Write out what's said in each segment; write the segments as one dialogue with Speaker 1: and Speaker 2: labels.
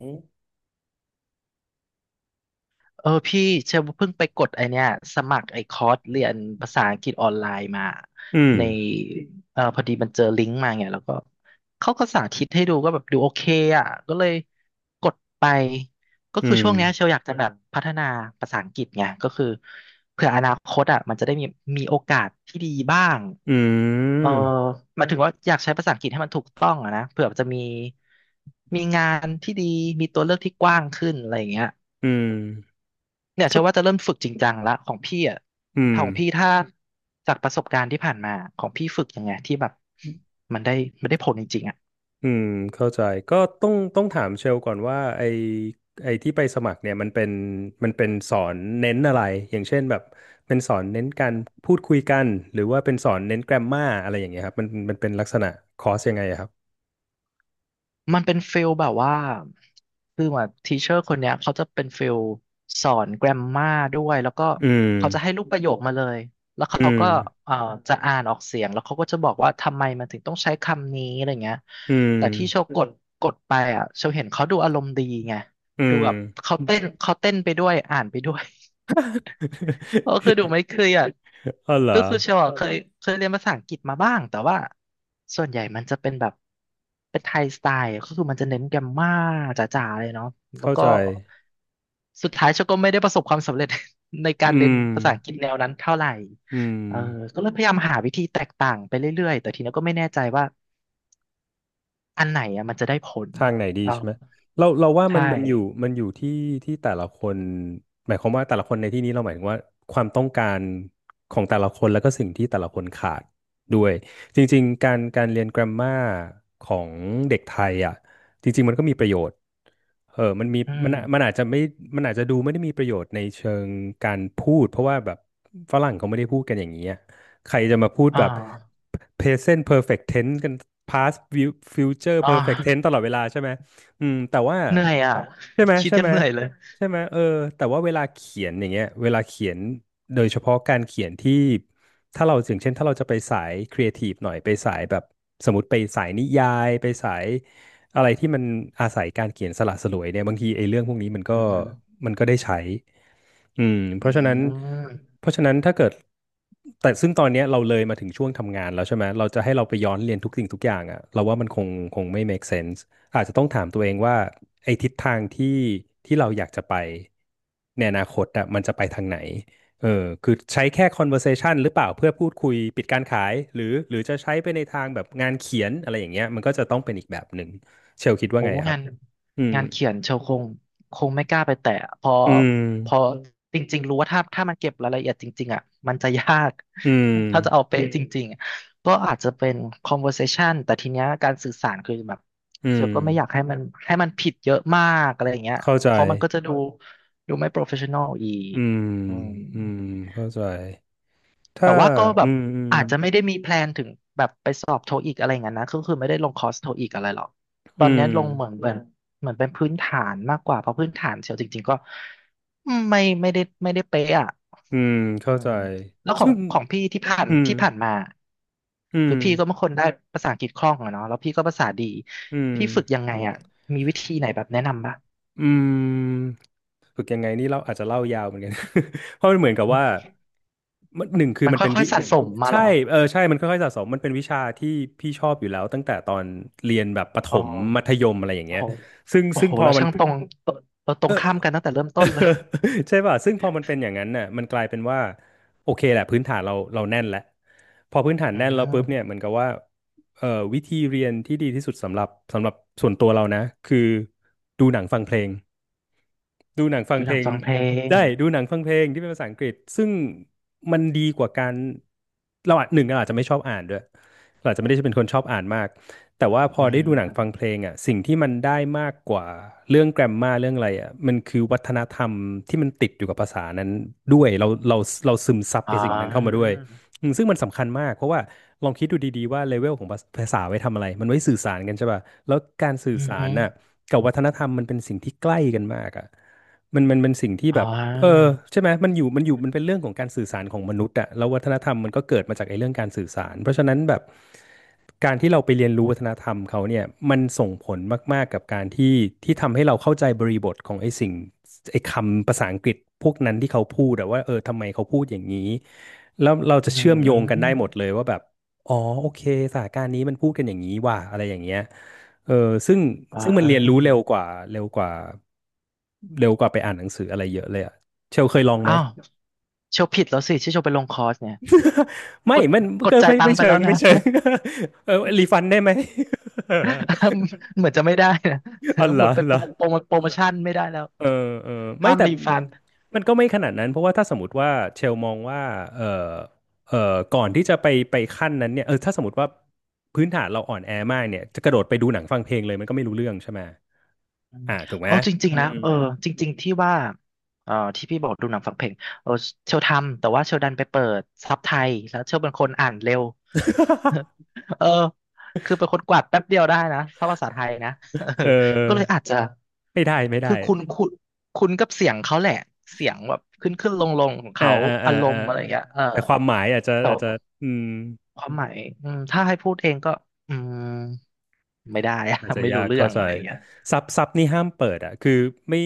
Speaker 1: อืม
Speaker 2: เออพี่เชลเพิ่งไปกดไอเนี้ยสมัครไอคอร์สเรียนภาษาอังกฤษออนไลน์มา
Speaker 1: อืม
Speaker 2: ในพอดีมันเจอลิงก์มาไงแล้วก็เขาก็สาธิตให้ดูก็แบบดูโอเคอ่ะก็เลยกดไปก็
Speaker 1: อื
Speaker 2: คือ
Speaker 1: ม
Speaker 2: ช่วงเนี้ยเชลอยากจะแบบพัฒนาภาษาอังกฤษไงก็คือเผื่ออนาคตอ่ะมันจะได้มีโอกาสที่ดีบ้าง
Speaker 1: อื
Speaker 2: เออ
Speaker 1: ม
Speaker 2: หมายถึงว่าอยากใช้ภาษาอังกฤษให้มันถูกต้องอะนะเผื่อจะมีงานที่ดีมีตัวเลือกที่กว้างขึ้นอะไรอย่างเงี้ย
Speaker 1: อืม
Speaker 2: เนี่ยเชื่อว่าจะเริ่มฝึกจริงจังละของพี่อ่ะถ้าของพี่ถ้าจากประสบการณ์ที่ผ่านมาของพี่ฝึกยังไงที่แบบมันได้ได้ผลจริงๆอ่ะ
Speaker 1: อืมเข้าใจ ก็ต้องถามเชลก่อนว่าไอที่ไปสมัครเนี่ยมันเป็นสอนเน้นอะไรอย่างเช่นแบบเป็นสอนเน้นการพูดคุยกันหรือว่าเป็นสอนเน้นแกรมมาอะไรอย่างเงี้ยครับมันเป็นลักษณะคอร์สยังไงอะครับ
Speaker 2: มันเป็นฟิลแบบว่าคือว่าทีเชอร์คนเนี้ยเขาจะเป็นฟิลสอนแกรมมาด้วยแล้วก็
Speaker 1: อื
Speaker 2: เขาจะให้
Speaker 1: ม
Speaker 2: รูปประโยคมาเลยแล้ว
Speaker 1: อื
Speaker 2: เขา
Speaker 1: ม
Speaker 2: ก็เอ่อจะอ่านออกเสียงแล้วเขาก็จะบอกว่าทำไมมันถึงต้องใช้คำนี้อะไรเงี้ย
Speaker 1: อืม
Speaker 2: แต่ที่โชว์กดไปอ่ะโชว์เห็นเขาดูอารมณ์ดีไง
Speaker 1: อื
Speaker 2: ดู
Speaker 1: ม
Speaker 2: แบบเขาเต้นไปด้วยอ่านไปด้วย เพราะคือดู ไม่เครียด
Speaker 1: อ๋อเหรอ
Speaker 2: ก็คือเชลเอะเคยเรียนภาษาอังกฤษมาบ้างแต่ว่าส่วนใหญ่มันจะเป็นแบบเป็นไทยสไตล์ก็คือมันจะเน้นแกรมม่าจ๋าๆเลยเนาะแล้ว
Speaker 1: เข้า
Speaker 2: ก็
Speaker 1: ใจ
Speaker 2: สุดท้ายเชลก็ไม่ได้ประสบความสำเร็จ ใน
Speaker 1: อื
Speaker 2: การเรียน
Speaker 1: ม
Speaker 2: ภาษาอังกฤษแนวนั้นเท่าไหร่
Speaker 1: อื
Speaker 2: เออ
Speaker 1: ม
Speaker 2: ก็เลยพยายามหาวิธีแตกต่างไปเรื่อยๆแต่ทีนี้ก็ไม่แน่ใจว่าอันไหนอะมันจะได้ผล
Speaker 1: ทางไหนดี
Speaker 2: เออ
Speaker 1: ใช่ไหมเราว่ามั
Speaker 2: ใช่
Speaker 1: นมันอยู่มันอยู่ที่ที่แต่ละคนหมายความว่าแต่ละคนในที่นี้เราหมายถึงว่าความต้องการของแต่ละคนแล้วก็สิ่งที่แต่ละคนขาดด้วยจริงๆการเรียนกร มมาของเด็กไทยอ่ะจริงๆมันก็มีประโยชน์เออมันมี
Speaker 2: อื
Speaker 1: มัน
Speaker 2: ม
Speaker 1: อะมันอาจจะไม่มันอาจจะดูไม่ได้มีประโยชน์ในเชิงการพูดเพราะว่าแบบฝรั่งเขาไม่ได้พูดกันอย่างนี้อะ ใครจะมาพูด
Speaker 2: อ่
Speaker 1: แบบ
Speaker 2: า
Speaker 1: present perfect tense กัน future
Speaker 2: อ่า
Speaker 1: perfect tense ตลอดเวลาใช่ไหมอืมแต่ว่า
Speaker 2: เหนื่อยอ่ะ
Speaker 1: ใช่ไหม
Speaker 2: คิด
Speaker 1: ใช่
Speaker 2: ยั
Speaker 1: ไห
Speaker 2: ง
Speaker 1: ม
Speaker 2: เหนื่อยเลย
Speaker 1: ใช่ไหมเออแต่ว่าเวลาเขียนอย่างเงี้ยเวลาเขียนโดยเฉพาะการเขียนที่ถ้าเราอย่างเช่นถ้าเราจะไปสายครีเอทีฟหน่อยไปสายแบบสมมติไปสายนิยายไปสาย อะไรที่มันอาศัยการเขียนสละสลวยเนี่ยบางทีไอ้เรื่องพวกนี้มันก็
Speaker 2: อืม
Speaker 1: มันก็ได้ใช้อืมเพ
Speaker 2: อื
Speaker 1: ราะฉะนั้น
Speaker 2: ม
Speaker 1: เพราะฉะนั้นถ้าเกิดแต่ซึ่งตอนเนี้ยเราเลยมาถึงช่วงทำงานแล้วใช่ไหม เราจะให้เราไปย้อนเรียนทุกสิ่งทุกอย่างอ่ะเราว่ามันคงคงไม่ make sense อาจจะต้องถามตัวเองว่าไอ้ทิศทางที่ที่เราอยากจะไปในอนาคตอ่ะมันจะไปทางไหนเออคือใช้แค่ conversation หรือเปล่าเพื่อพูดคุยปิดการขายหรือหรือจะใช้ไปในทางแบบงานเขียนอะไรอย่างเงี้ยมันก็จะต้องเป็นอีกแบบหนึ่ง เชลคิดว่า
Speaker 2: โอ้
Speaker 1: ไงครั
Speaker 2: งา
Speaker 1: บ
Speaker 2: น
Speaker 1: อืม
Speaker 2: เขียนเชลคงไม่กล้าไปแตะเพอ
Speaker 1: อืม
Speaker 2: เพอจริงๆรู้ว่าถ้ามันเก็บรายละเอียดจริงๆอ่ะมันจะยาก
Speaker 1: อืม
Speaker 2: ถ้าจะเอาเป๊ะจริงๆอะก็อาจจะเป็น conversation แต่ทีเนี้ยการสื่อสารคือแบบ
Speaker 1: อื
Speaker 2: เช
Speaker 1: ม
Speaker 2: ลก็ไม่อยากให้มันผิดเยอะมากอะไรอย่างเงี้ย
Speaker 1: เข้าใจ
Speaker 2: เพราะมันก็จะดูไม่ professional อีก
Speaker 1: อืม
Speaker 2: อืม
Speaker 1: อืมเข้าใจ
Speaker 2: แต่
Speaker 1: ถ้า
Speaker 2: ว่าก็แบ
Speaker 1: อื
Speaker 2: บ
Speaker 1: มอืม
Speaker 2: อาจจะไม่ได้มีแพลนถึงแบบไปสอบโทอีกอะไรอย่างนั้นนะก็คือไม่ได้ลงคอร์สโทอีกอะไรหรอกต
Speaker 1: อื
Speaker 2: อนนี้
Speaker 1: ม
Speaker 2: ลงเหมือนเป็นพื้นฐานมากกว่าเพราะพื้นฐานเชียวจริงๆก็ไม่ได้เป๊ะอ่ะ
Speaker 1: อืม
Speaker 2: อื
Speaker 1: เข้าใจ
Speaker 2: มแล้วขอ
Speaker 1: ซึ่
Speaker 2: ง
Speaker 1: ง
Speaker 2: พี่ที่ผ่าน
Speaker 1: อืม
Speaker 2: มา
Speaker 1: อืม
Speaker 2: คือพี่ก็เป็นคนได้ภาษาอังกฤษคล่องอะเนาะแล้วพี่ก็ภาษาดี
Speaker 1: อืม
Speaker 2: พี่ฝึกยังไงอ่ะมีวิธีไหนแบบแนะนำป่ะ
Speaker 1: อืมฝึกยังไงนี่เราอาจจะเล่ายาวเหมือนกัน เพราะมันเหมือนกับ
Speaker 2: อืม
Speaker 1: ว่ามันหนึ่งคือ
Speaker 2: มัน
Speaker 1: มันเป็น
Speaker 2: ค่อยๆสะสมมาเห
Speaker 1: ใช่
Speaker 2: รอ
Speaker 1: เออใช่มันค่อยๆสะสมมันเป็นวิชาที่พี่ชอบอยู่แล้วตั้งแต่ตอนเรียนแบบประถ
Speaker 2: อ๋อ
Speaker 1: มมัธยมอะไรอย่าง
Speaker 2: โอ้
Speaker 1: เงี้ย
Speaker 2: โห
Speaker 1: ซึ่ง
Speaker 2: โอ้
Speaker 1: ซึ่ง
Speaker 2: โห
Speaker 1: พอ
Speaker 2: เรา
Speaker 1: มัน
Speaker 2: ช่างตรงตเราตรงข้ามกันตั้งแต่เริ่มต้นเลย
Speaker 1: ใช่ป่ะ ซึ่งพอมันเป็นอย่างนั้นน่ะมันกลายเป็นว่าโอเคแหละพื้นฐานเราแน่นแล้วพอพื้นฐาน
Speaker 2: อื
Speaker 1: แน่นแล้วปุ๊บเนี่ย
Speaker 2: ม
Speaker 1: เหมือนกับว่าเอ่อวิธีเรียนที่ดีที่สุดสำหรับสำหรับส่วนตัวเรานะคือดูหนังฟังเพลง ดูหนังฟัง
Speaker 2: ดู
Speaker 1: เพ
Speaker 2: หนั
Speaker 1: ล
Speaker 2: ง
Speaker 1: ง
Speaker 2: ฟังเพลง
Speaker 1: ได้ดูหนังฟังเพลงที่เป็นภาษาอังกฤษซึ่งมันดีกว่าการเราอาจหนึ่งเราอาจจะไม่ชอบอ่านด้วยเราอาจจะไม่ได้เป็นคนชอบอ่านมากแต่ว่าพอ
Speaker 2: อื
Speaker 1: ได้
Speaker 2: ม
Speaker 1: ดูหนังฟังเพลงอ่ะสิ่งที่มันได้มากกว่าเรื่องแกรมมาเรื่องอะไรอ่ะมันคือวัฒนธรรมที่มันติดอยู่กับภาษานั้นด้วยเราซึมซับ
Speaker 2: อ๋
Speaker 1: ไอ้
Speaker 2: อ
Speaker 1: สิ่งนั้นเข้ามาด้วยอืมซึ่งมันสำคัญมากเพราะว่าลองคิดดูดีๆว่าเลเวลของภาษาไว้ทำอะไรมันไว้สื่อสารกันใช่ป่ะแล้วการสื่อ
Speaker 2: อืม
Speaker 1: สา
Speaker 2: ฮึ
Speaker 1: รน่ะกับวัฒนธรรมมันเป็นสิ่งที่ใกล้กันมากอ่ะ มันเป็นสิ่งที่
Speaker 2: อ๋
Speaker 1: แบบเออ
Speaker 2: อ
Speaker 1: ใช่ไหมมันอยู่มันเป็นเรื่องของการสื่อสารของมนุษย์อะแล้ววัฒนธรรมมันก็เกิดมาจากไอ้เรื่องการสื่อสารเพราะฉะนั้นแบบการที่เราไปเรียนรู้วัฒนธรรมเขาเนี่ยมันส่งผลมากๆกับการที่ที่ทำให้เราเข้าใจบริบทของไอ้สิ่งไอ้คำภาษาอังกฤษพวกนั้นที่เขาพูดอะว่าเออทำไมเขาพูดอย่างนี้แล้วเราจะ
Speaker 2: อื
Speaker 1: เชื่อมโยง
Speaker 2: ม
Speaker 1: กันได้หมด
Speaker 2: อ
Speaker 1: เลยว่าแบบอ๋อโอเคสถานการณ์นี้มันพูดกันอย่างนี้ว่ะอะไรอย่างเงี้ย เออซึ่ง
Speaker 2: ๋
Speaker 1: ซึ่งมันเรียนรู้เร็
Speaker 2: อ
Speaker 1: วกว่าเร็วกว่าเร็วกว่าไปอ่านหนังสืออะไรเยอะเลยอะเชลเคยลองไหม
Speaker 2: อ้าวโชว์ผิดแล้วสิที่โชว์ไปลงคอร์สเนี่ย ก
Speaker 1: ไม่
Speaker 2: ด
Speaker 1: มันก็
Speaker 2: จ่ายตังค์ไปแล้วนะ
Speaker 1: ไม่เชิง เออรีฟันได้ไหม
Speaker 2: เหมือนจะไม่ได้นะ
Speaker 1: อ๋อเห ร
Speaker 2: หม
Speaker 1: อ
Speaker 2: ดไป
Speaker 1: เหรอ
Speaker 2: โปรโมชั่นไม่ได้แล้ว
Speaker 1: เออเออไม่
Speaker 2: ห้าม
Speaker 1: แต่
Speaker 2: รีฟัน
Speaker 1: มันก็ไม่ขนาดนั้นเพราะว่าถ้าสมมติว่าเชลมองว่าเออเออก่อนที่จะไปขั้นนั้นเนี่ยถ้าสมมติว่าพื้นฐานเราอ่อนแอมากเนี่ยจะกระโดดไปดูหนังฟังเพลงเลยมันก็ไม่รู้เรื่องใช่ไหม
Speaker 2: อืม
Speaker 1: อ่าถูกไหม
Speaker 2: เอาจริง
Speaker 1: อื
Speaker 2: ๆนะ
Speaker 1: ม
Speaker 2: เออจริงๆที่ว่าเออที่พี่บอกดูหนังฟังเพลงเออเชลทำแต่ว่าเชลดันไปเปิดซับไทยแล้วเชลเป็นคนอ่านเร็ว เออคือเป็นคนกวาดแป๊บเดียวได้นะถ้าภาษาไทยนะ เออ
Speaker 1: เออ
Speaker 2: ก็เลยอาจจะ
Speaker 1: ไม่ได้
Speaker 2: คือคุณกับเสียงเขาแหละเสียงแบบขึ้นขึ้นลงลงของ
Speaker 1: อ่า
Speaker 2: เขา
Speaker 1: อ่าอ่า
Speaker 2: อาร
Speaker 1: อ่า
Speaker 2: มณ์อะไรอย่างเงี้ยเออ
Speaker 1: แต่ความหมายอาจจะ
Speaker 2: แต่
Speaker 1: อาจจะอืม
Speaker 2: ความหมายอืมถ้าให้พูดเองก็อืมไม่ได้อะ
Speaker 1: อาจ จะ
Speaker 2: ไม่
Speaker 1: ยา
Speaker 2: รู้
Speaker 1: ก
Speaker 2: เรื่อ
Speaker 1: เข้า
Speaker 2: ง
Speaker 1: ใจ
Speaker 2: อะไรอย่างเงี้ย
Speaker 1: ซับนี่ห้ามเปิดอ่ะคือไม่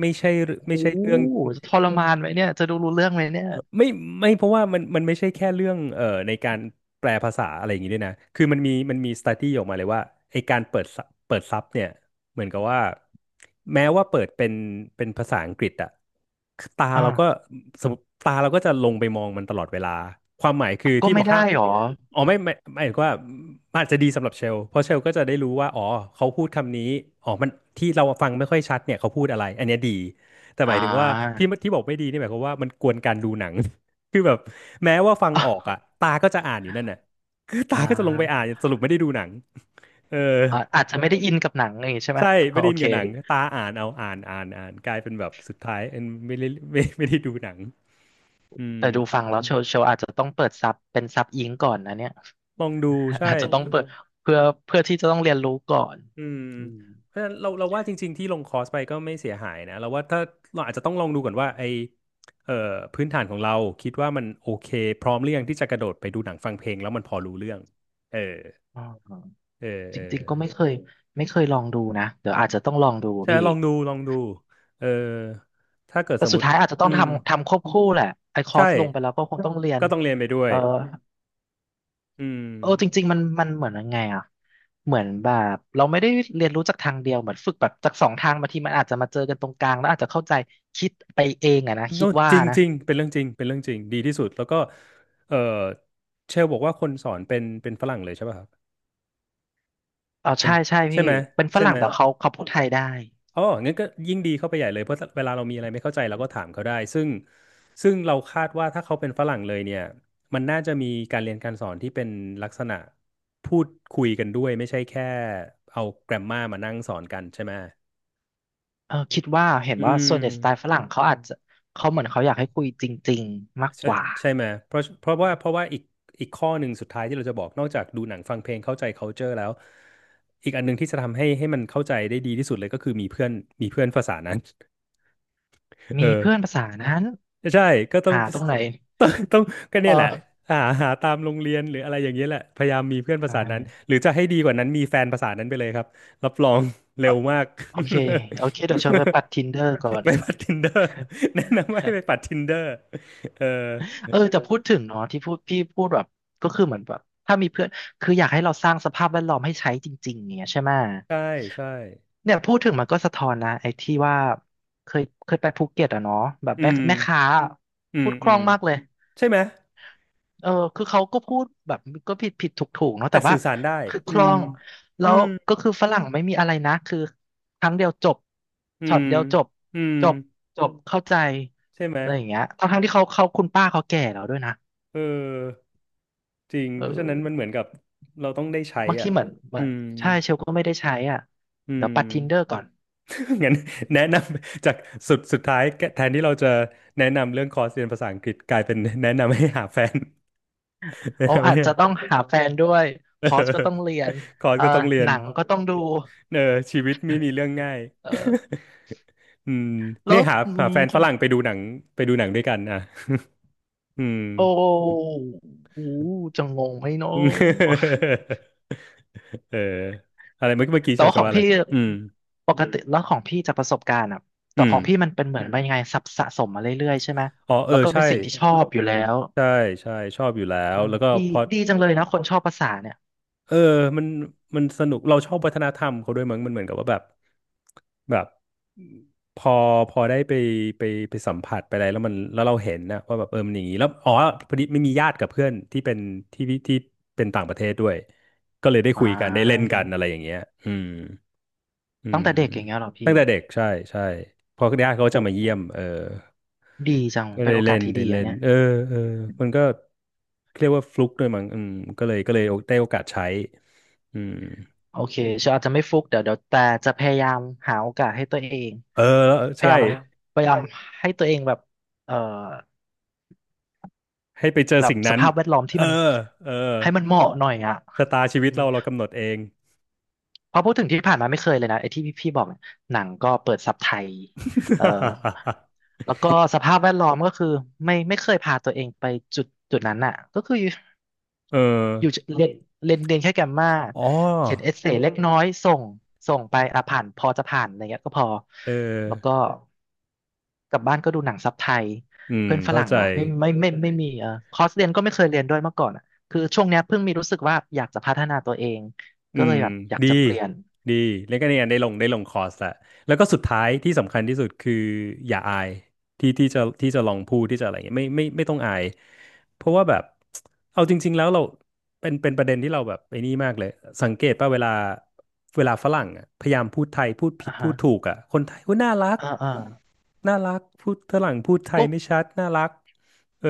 Speaker 1: ไม่ใช่ไม่
Speaker 2: โอ้
Speaker 1: ใช่เรื่อง
Speaker 2: ทรมานไหมเนี่ยจะดูรู้เรื่องไหมเนี่ย
Speaker 1: ไม่ไม่เพราะว่ามันไม่ใช่แค่เรื่องในการแปลภาษาอะไรอย่างนี้ด้วยนะคือมันมี study ออกมาเลยว่าไอการเปิดซับเนี่ยเหมือนกับว่าแม้ว่าเปิดเป็นภาษาอังกฤษอะตาเราก็
Speaker 2: อ่า
Speaker 1: สมมติตาเราก็จะลงไปมองมันตลอดเวลาความหมายคือ
Speaker 2: ก็
Speaker 1: ที่บ
Speaker 2: ไม่
Speaker 1: อก
Speaker 2: ได้
Speaker 1: ห้าม
Speaker 2: หรอ
Speaker 1: อ๋อไม่ไม่หมายถึงว่ามันอาจจะดีสำหรับเชลเพราะเชลก็จะได้รู้ว่าอ๋อเขาพูดคำนี้อ๋อมันที่เราฟังไม่ค่อยชัดเนี่ยเขาพูดอะไรอันเนี้ยดี แต่ห
Speaker 2: อ่
Speaker 1: มายถึงว่า
Speaker 2: า
Speaker 1: ที่บอกไม่ดีนี่หมายความว่ามันกวนการดูหนัง คือแบบแม้ว่าฟังออกอ่ะ
Speaker 2: อ่า
Speaker 1: ตาก็จะอ่านอยู่นั่นน่ะคือตา
Speaker 2: อ่
Speaker 1: ก็จะลงไปอ่าน
Speaker 2: า
Speaker 1: สรุปไม่ได้ดูหนังเออ
Speaker 2: อ่าอาจจะไม่ได้อินกับหนังอย่างงี้ใช่ไหม
Speaker 1: ใช่ไม่ได้
Speaker 2: โอ
Speaker 1: อิน
Speaker 2: เค
Speaker 1: กับหนังตาอ่านเอาอ่านอ่านอ่านกลายเป็นแบบสุดท้ายเอ็นไม่ได้ไม่ได้ดูหนังอืม
Speaker 2: แต่ดูฟังแล้วโชว์อาจจะต้องเปิดซับเป็นซับอิงก่อนนะเนี่ย
Speaker 1: ลองดู ใช่
Speaker 2: อาจจะต้องเปิดเพื่อที่จะต้องเรียนรู้ก่อน
Speaker 1: อืม
Speaker 2: อืม
Speaker 1: เพราะฉะนั้นเราว่าจริงๆที่ลงคอร์สไปก็ไม่เสียหายนะเราว่าถ้าเราอาจจะต้องลองดูก่อนว่าไอเอ่อพื้นฐานของเราคิดว่ามันโอเคพร้อมหรือยังที่จะกระโดดไปดูหนังฟังเพลงแล้วมันพอรู้เรื่องเออ
Speaker 2: อ่า
Speaker 1: เออ
Speaker 2: จ
Speaker 1: เออ
Speaker 2: ริงๆก็ไม่เคยลองดูนะเดี๋ยวอาจจะต้องลองดู
Speaker 1: ใช่
Speaker 2: พี่
Speaker 1: ลองดูลองดูเออถ้าเกิด
Speaker 2: แต่
Speaker 1: สมม
Speaker 2: สุด
Speaker 1: ติ
Speaker 2: ท้ายอาจจะต้อ
Speaker 1: อื
Speaker 2: ง
Speaker 1: ม
Speaker 2: ทำควบคู่แหละไอคอ
Speaker 1: ใช่
Speaker 2: ร์สลงไปแล้วก็คงต้องเรียน
Speaker 1: ก็ต้องเรียนไปด้วย
Speaker 2: เอ่อ
Speaker 1: อืม
Speaker 2: จริงๆมันเหมือนยังไงอ่ะเหมือนแบบเราไม่ได้เรียนรู้จากทางเดียวเหมือนฝึกแบบจากสองทางบางทีมันอาจจะมาเจอกันตรงกลางแล้วอาจจะเข้าใจคิดไปเองอะนะคิ
Speaker 1: โน่
Speaker 2: ดว่า
Speaker 1: จริง
Speaker 2: นะ
Speaker 1: จริงเป็นเรื่องจริงเป็นเรื่องจริงดีที่สุดแล้วก็เออเชลบอกว่าคนสอนเป็นฝรั่งเลยใช่ป่ะครับ
Speaker 2: เอา
Speaker 1: เป็น
Speaker 2: ใช่ใช่
Speaker 1: ใช่
Speaker 2: พี่
Speaker 1: ไหม
Speaker 2: เป็นฝ
Speaker 1: ใช่
Speaker 2: รั่
Speaker 1: ไห
Speaker 2: ง
Speaker 1: ม
Speaker 2: แต่เขาพูดไทยได้
Speaker 1: อ๋องั้นก็ยิ่งดีเข้าไปใหญ่เลยเพราะเวลาเรามีอะไรไม่เข้าใจ
Speaker 2: อื
Speaker 1: เราก็
Speaker 2: ม
Speaker 1: ถามเขาได้ซึ่งเราคาดว่าถ้าเขาเป็นฝรั่งเลยเนี่ยมันน่าจะมีการเรียนการสอนที่เป็นลักษณะพูดคุยกันด้วยไม่ใช่แค่เอาแกรมมามานั่งสอนกันใช่ไหม
Speaker 2: เออคิดว่าเห็น
Speaker 1: อื
Speaker 2: ว่าส่
Speaker 1: ม
Speaker 2: วนใหญ่สไตล์ฝรั่งเขาอาจจะเขาเหมือนเขาอยากให้คุยจริงๆมาก
Speaker 1: ใช่
Speaker 2: กว่า
Speaker 1: ใช่ไหมเพราะเพราะว่าเพราะว่าอีกข้อหนึ่งสุดท้ายที่เราจะบอกนอกจากดูหนังฟังเพลงเข้าใจ culture แล้วอีกอันหนึ่งที่จะทำให้มันเข้าใจได้ดีที่สุดเลยก็คือมีเพื่อนมีเพื่อนภาษานั้น เอ
Speaker 2: มี
Speaker 1: อ
Speaker 2: เพื่อนภาษานั้น
Speaker 1: ใช่ก็ต้อง
Speaker 2: หาตรงไหน
Speaker 1: ต้องก็
Speaker 2: เ
Speaker 1: เนี่ยแหละ
Speaker 2: ออ
Speaker 1: หาหาตามโรงเรียนหรืออะไรอย่างเงี้ยแหละพยายามมีเพื่อนภา
Speaker 2: ใช่
Speaker 1: ษานั้นหรือจะให้ดีกว่านั้นมีแฟนภาษานั้นไปเลยครับรับรองเร็
Speaker 2: เออ
Speaker 1: วมาก
Speaker 2: โอเคเดี๋ยวเชิญไปปัดทินเดอร์ก่อ น
Speaker 1: ไปปัด Tinder แนะนำให้ไปปัด Tinder เออ
Speaker 2: เออแต่พูดถึงเนาะที่พูดพี่พูดแบบก็คือเหมือนแบบถ้ามีเพื่อนคืออยากให้เราสร้างสภาพแวดล้อมให้ใช้จริงๆเนี่ยใช่ไหม
Speaker 1: ใช่ใช่
Speaker 2: เนี่ยพูดถึงมันก็สะท้อนนะไอ้ที่ว่าเคยไปภูเก็ตอะเนาะแบบ
Speaker 1: อื
Speaker 2: แม่
Speaker 1: ม
Speaker 2: แม่ค้า
Speaker 1: อื
Speaker 2: พู
Speaker 1: ม
Speaker 2: ดค
Speaker 1: อื
Speaker 2: ล่อ
Speaker 1: ม
Speaker 2: งมากเลย
Speaker 1: ใช่ไหม
Speaker 2: เออคือเขาก็พูดแบบก็ผิดผิดถูกถูกเนาะ
Speaker 1: แต่
Speaker 2: แต่ว่า
Speaker 1: สื่อสารได้
Speaker 2: คือค
Speaker 1: อื
Speaker 2: ล่อ
Speaker 1: ม
Speaker 2: งแล้
Speaker 1: อื
Speaker 2: ว
Speaker 1: ม
Speaker 2: ก็คือฝรั่งไม่มีอะไรนะคือครั้งเดียวจบ
Speaker 1: อื
Speaker 2: ช็อต
Speaker 1: ม
Speaker 2: เดียวจบ
Speaker 1: อืม
Speaker 2: จบจบเข้าใจ
Speaker 1: ใช่ไหม
Speaker 2: อะไรอย่างเงี้ยทั้งที่เขาคุณป้าเขาแก่แล้วด้วยนะ
Speaker 1: เออจริง
Speaker 2: เอ
Speaker 1: เพราะฉะนั้นมัน
Speaker 2: อ
Speaker 1: เหมือนกับเราต้องได้ใช้
Speaker 2: บางที
Speaker 1: อ่ะ
Speaker 2: เหมือน
Speaker 1: อืม
Speaker 2: ใช่เชลก็ไม่ได้ใช้อ่ะ
Speaker 1: อื
Speaker 2: เดี๋ยว
Speaker 1: ม
Speaker 2: ปัด Tinder ก่อน
Speaker 1: งั้นแนะนำจากสุดท้ายแทนที่เราจะแนะนำเรื่องคอร์สเรียนภาษาอังกฤษกลายเป็นแนะนำให้หาแฟน แนะ
Speaker 2: โอ้
Speaker 1: นำ
Speaker 2: อา
Speaker 1: ให้
Speaker 2: จ
Speaker 1: หา
Speaker 2: จะ ต้องหาแฟนด้วย
Speaker 1: เ
Speaker 2: คอร์สก็ต้อ
Speaker 1: ออ
Speaker 2: งเรียน
Speaker 1: คอร์ส
Speaker 2: เอ่อ
Speaker 1: ก็ต้องเรีย
Speaker 2: ห
Speaker 1: น
Speaker 2: นังก็ต้องดู
Speaker 1: เออชีวิตไม่มีเรื่องง่าย
Speaker 2: เออ
Speaker 1: อืม
Speaker 2: แล้
Speaker 1: เนี่
Speaker 2: ว
Speaker 1: ยหา
Speaker 2: อื
Speaker 1: หา
Speaker 2: ม
Speaker 1: แฟน
Speaker 2: ข
Speaker 1: ฝ
Speaker 2: อง
Speaker 1: รั่งไปดูหนังไปดูหนังด้วยกันอ่ะ อืม
Speaker 2: โอ้โหจะงงไหมเนาะ
Speaker 1: เอออะไรเมื่อกี้เมื่อ กี้
Speaker 2: แต่
Speaker 1: ชาว
Speaker 2: ว่าข
Speaker 1: จะ
Speaker 2: อง
Speaker 1: ว่าอะไร
Speaker 2: พี่
Speaker 1: อืม
Speaker 2: ปกติแล้วของพี่จากประสบการณ์อ่ะแต่
Speaker 1: อื
Speaker 2: ข
Speaker 1: ม
Speaker 2: องพี่มันเป็นเหมือนวปนยังไงสะสมมาเรื่อยๆใช่ไหม
Speaker 1: อ๋อเอ
Speaker 2: แล้
Speaker 1: อ
Speaker 2: วก็เป็
Speaker 1: ใช่
Speaker 2: นสิ่งที่ชอบอยู่แล้ว
Speaker 1: ใช่ใช่ชอบอยู่แล้
Speaker 2: เอ
Speaker 1: ว
Speaker 2: อ
Speaker 1: แล้วก็
Speaker 2: ดี
Speaker 1: พอ
Speaker 2: ดีจังเลยนะคนชอบภาษาเนี่ย
Speaker 1: เออมันมันสนุก เราชอบวัฒนธรรมเขาด้วยมั้งมันเหมือนกับว่าแบบแบบพอพอได้ไปไปไปสัมผัสไปอะไรแล้วมันแล้วเราเห็นนะว่าแบบเออมันอย่างนี้แล้วอ๋อพอดีไม่มีญาติกับเพื่อนที่เป็นที่เป็นต่างประเทศด้วยก็เลยได้
Speaker 2: อ่
Speaker 1: คุยกันได้เล่น
Speaker 2: า
Speaker 1: กันอะไรอย่างเงี้ยอืมอื
Speaker 2: ตั้ง
Speaker 1: ม
Speaker 2: แต่เด็กอย่างเงี้ยเหรอพี่
Speaker 1: ตั้งแต่เด็กใช่ ใช่เพอญาติเขา
Speaker 2: โอ้
Speaker 1: จะมา
Speaker 2: โห
Speaker 1: เยี่ยมเออ
Speaker 2: ดีจัง
Speaker 1: ก็
Speaker 2: เป็น
Speaker 1: ได้
Speaker 2: โอ
Speaker 1: เล่
Speaker 2: กาส
Speaker 1: น
Speaker 2: ที่
Speaker 1: ได้
Speaker 2: ดี
Speaker 1: เล่
Speaker 2: อะ
Speaker 1: น
Speaker 2: เนี่ย
Speaker 1: เออเออมันก็เรียกว่าฟลุกด้วยมั้งอืมก็เลยได้โอกาสใช้อืม
Speaker 2: โอเคเชลอาจจะไม่ฟุกเดี๋ยวแต่จะพยายามหาโอกาสให้ตัวเอง
Speaker 1: เออ
Speaker 2: พ
Speaker 1: ใช่
Speaker 2: ยายามครับพยายามให้ตัวเองแบบเอ่อ
Speaker 1: ให้ไปเจอ
Speaker 2: แบบ
Speaker 1: สิ่ง
Speaker 2: ส
Speaker 1: นั้น
Speaker 2: ภาพแวดล้อมที่
Speaker 1: เอ
Speaker 2: มัน
Speaker 1: อเออ
Speaker 2: ให้มันเหมาะหน่อยอ่ะ
Speaker 1: ชะตาชีวิ
Speaker 2: อื
Speaker 1: ต
Speaker 2: ม
Speaker 1: เรากำหนดเอง
Speaker 2: เพราะพูดถึงที่ผ่านมาไม่เคยเลยนะไอ้ที่พี่บอกเนี่ยหนังก็เปิดซับไทยเอ่อ แล้วก็สภาพแวดล้อมก็คือไม่เคยพาตัวเองไปจุดนั้นอ่ะก็คือ
Speaker 1: เออ
Speaker 2: อยู่เรียนเรียนเรียนแค่แกมมา
Speaker 1: อ๋
Speaker 2: เขียน
Speaker 1: อ
Speaker 2: เอเซเล็กน้อยส่งส่งไปอ่ะผ่านพอจะผ่านอะไรเงี้ยก็พอ
Speaker 1: เออ
Speaker 2: แล้วก็กลับบ้านก็ดูหนังซับไทย
Speaker 1: อืม
Speaker 2: เพื่อนฝ
Speaker 1: เข้า
Speaker 2: รั่ง
Speaker 1: ใจ
Speaker 2: เหรอไม่ไมมีเออคอร์สเรียนก็ไม่เคยเรียนด้วยเมื่อก่อนอ่ะคือช่วงเนี้ยเพิ่งมีรู้สึกว่าอยากจะพัฒนาตัวเอง
Speaker 1: อื
Speaker 2: ก็เล
Speaker 1: ม
Speaker 2: ยแบบอยาก
Speaker 1: ดี
Speaker 2: จะเปลี่ยน
Speaker 1: ดีแล้วก็เนี่ยได้ลงคอร์สละแล้วก็สุดท้ายที่สำคัญที่สุดคืออย่าอายที่จะลองพูดที่จะอะไรเงี้ยไม่ไม่ต้องอายเพราะว่าแบบเอาจริงๆแล้วเราเป็นประเด็นที่เราแบบไอ้นี่มากเลยสังเกตป่ะเวลาฝรั่งอะพยายามพูดไทยพูดผิ
Speaker 2: อ่า
Speaker 1: ดพู
Speaker 2: ฮะ
Speaker 1: ดถูกอ่ะคนไทยก็น่ารัก
Speaker 2: อ่าอ่า
Speaker 1: น่ารักพูดฝรั่งพูดไทย
Speaker 2: ก็
Speaker 1: ไม่ชัดน่ารักเออ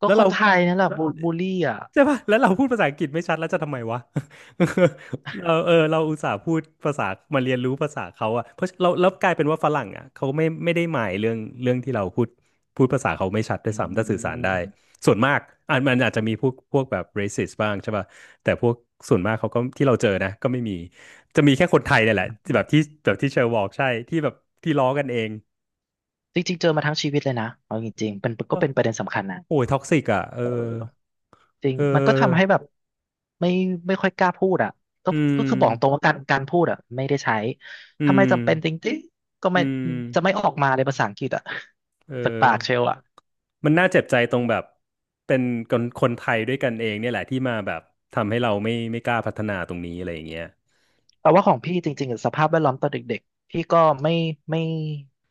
Speaker 2: ก็
Speaker 1: แล้ว
Speaker 2: ค
Speaker 1: เรา
Speaker 2: นไทยนั่นแหละบูลลี่อ่ะ
Speaker 1: ใช่ป่ะแล้วเราพูดภาษาอังกฤษไม่ชัดแล้วจะทำไมวะ เราเออเราอุตส่าห์พูดภาษามาเรียนรู้ภาษาเขาอะเพราะเราแล้วกลายเป็นว่าฝรั่งอะเขาไม่ไม่ได้หมายเรื่องที่เราพูดพูดภาษาเขาไม่ชัดด้ว
Speaker 2: อื
Speaker 1: ยซ้ำถ้าสื่อสาร
Speaker 2: ม
Speaker 1: ได้ส่วนมากอ่ะมันอาจจะมีพวกแบบ racist บ้างใช่ป่ะแต่พวกส่วนมากเขาก็ที่เราเจอนะก็ไม่มีจะมีแค่คนไทยเนี่ยแหละที่แบบที่เชอร์บอกใช่ที่แบบที่ล้อกันเอง
Speaker 2: จริงๆเจอมาทั้งชีวิตเลยนะเอาจริงๆเป็นก็
Speaker 1: อ้าว
Speaker 2: เป็นประเด็นสำคัญนะ
Speaker 1: โอ้ยท็อกซิกอะเออ
Speaker 2: จริง
Speaker 1: เอ
Speaker 2: มันก็ทำให้
Speaker 1: อ
Speaker 2: แบบไม่ไม่ค่อยกล้าพูดอ่ะก็
Speaker 1: อื
Speaker 2: ก็คือบอกตรง
Speaker 1: ม
Speaker 2: ว่าการพูดอ่ะไม่ได้ใช้
Speaker 1: อื
Speaker 2: ถ้าไม่
Speaker 1: ม
Speaker 2: จำเป็นจริงๆก็
Speaker 1: อื
Speaker 2: ไม่จะไม่
Speaker 1: ม
Speaker 2: ออกมาเลยภาษาอังกฤษอ่ะ
Speaker 1: เอ
Speaker 2: จาก
Speaker 1: อ
Speaker 2: ปากเชลอ่ะ
Speaker 1: มันน่าเจ็บใจตรงแบบเป็นคนไทยด้วยกันเองเนี่ยแหละที่มาแบบทำให้เราไม่กล้าพัฒนาตรงนี้อะไรอย่างเงี้ย
Speaker 2: แต่ว่าของพี่จริงๆอะสภาพแวดล้อมตอนเด็กๆพี่ก็ไม่ไม่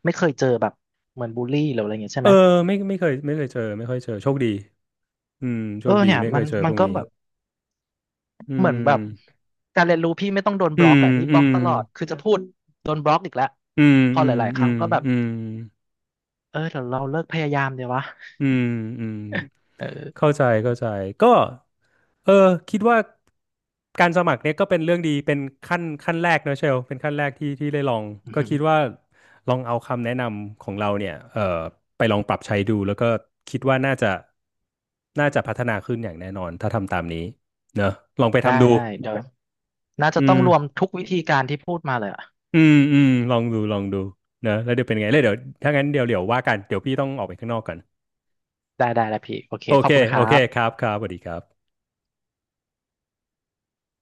Speaker 2: ไม่เคยเจอแบบเหมือนบูลลี่หรืออะไรเงี้ยใช่
Speaker 1: เออ
Speaker 2: ไหม
Speaker 1: ไม่เคยเจอไม่ค่อยเจอโชคดีอืมโช
Speaker 2: เอ
Speaker 1: ค
Speaker 2: อ
Speaker 1: ดี
Speaker 2: เนี่ย
Speaker 1: ไม่เค
Speaker 2: มั
Speaker 1: ย
Speaker 2: น
Speaker 1: เจอ
Speaker 2: มั
Speaker 1: พ
Speaker 2: น
Speaker 1: วก
Speaker 2: ก็
Speaker 1: นี้
Speaker 2: แบบ
Speaker 1: อื
Speaker 2: เหมือนแบบ
Speaker 1: ม
Speaker 2: การเรียนรู้พี่ไม่ต้องโดน
Speaker 1: อื
Speaker 2: บล็อก
Speaker 1: ม
Speaker 2: อ่ะนี่
Speaker 1: อื
Speaker 2: บล็อก
Speaker 1: ม
Speaker 2: ตลอดคือจะพูดโดนบล็อกอีกแล้ว
Speaker 1: อืม
Speaker 2: พอ
Speaker 1: อื
Speaker 2: ห
Speaker 1: ม
Speaker 2: ลายๆครั้งก็แบบ
Speaker 1: อืม
Speaker 2: เออเดี๋ยวเราเลิกพยายามเดี๋ยววะ
Speaker 1: อืมอืม
Speaker 2: เอ
Speaker 1: เข้า
Speaker 2: อ
Speaker 1: ใจเข้าใจก็เออคิดว่าการสมัครเนี่ยก็เป็นเรื่องดีเป็นขั้นแรกนะเชลเป็นขั้นแรกที่ที่ได้ลองก็คิดว่าลองเอาคำแนะนำของเราเนี่ยเออไปลองปรับใช้ดูแล้วก็คิดว่าน่าจะพัฒนาขึ้นอย่างแน่นอนถ้าทำตามนี้เนอะลองไป
Speaker 2: ได้
Speaker 1: ทำดู
Speaker 2: ได้เดี๋ยวน่าจะ
Speaker 1: อื
Speaker 2: ต้องรวม
Speaker 1: ม
Speaker 2: ทุกวิธีการที่พูดมาเลยอ่ะ
Speaker 1: อืมอืมลองดูลองดูเนะแล้วเดี๋ยวเป็นไงแล้วเดี๋ยวถ้างั้นเดี๋ยวว่ากันเดี๋ยวพี่ต้องออกไปข้างนอกก่อน
Speaker 2: ได้ได้แล้วพี่โอเค
Speaker 1: โอ
Speaker 2: ขอ
Speaker 1: เค
Speaker 2: บคุณค
Speaker 1: โอ
Speaker 2: รั
Speaker 1: เคค
Speaker 2: บ
Speaker 1: รับครับสวัสดีครับ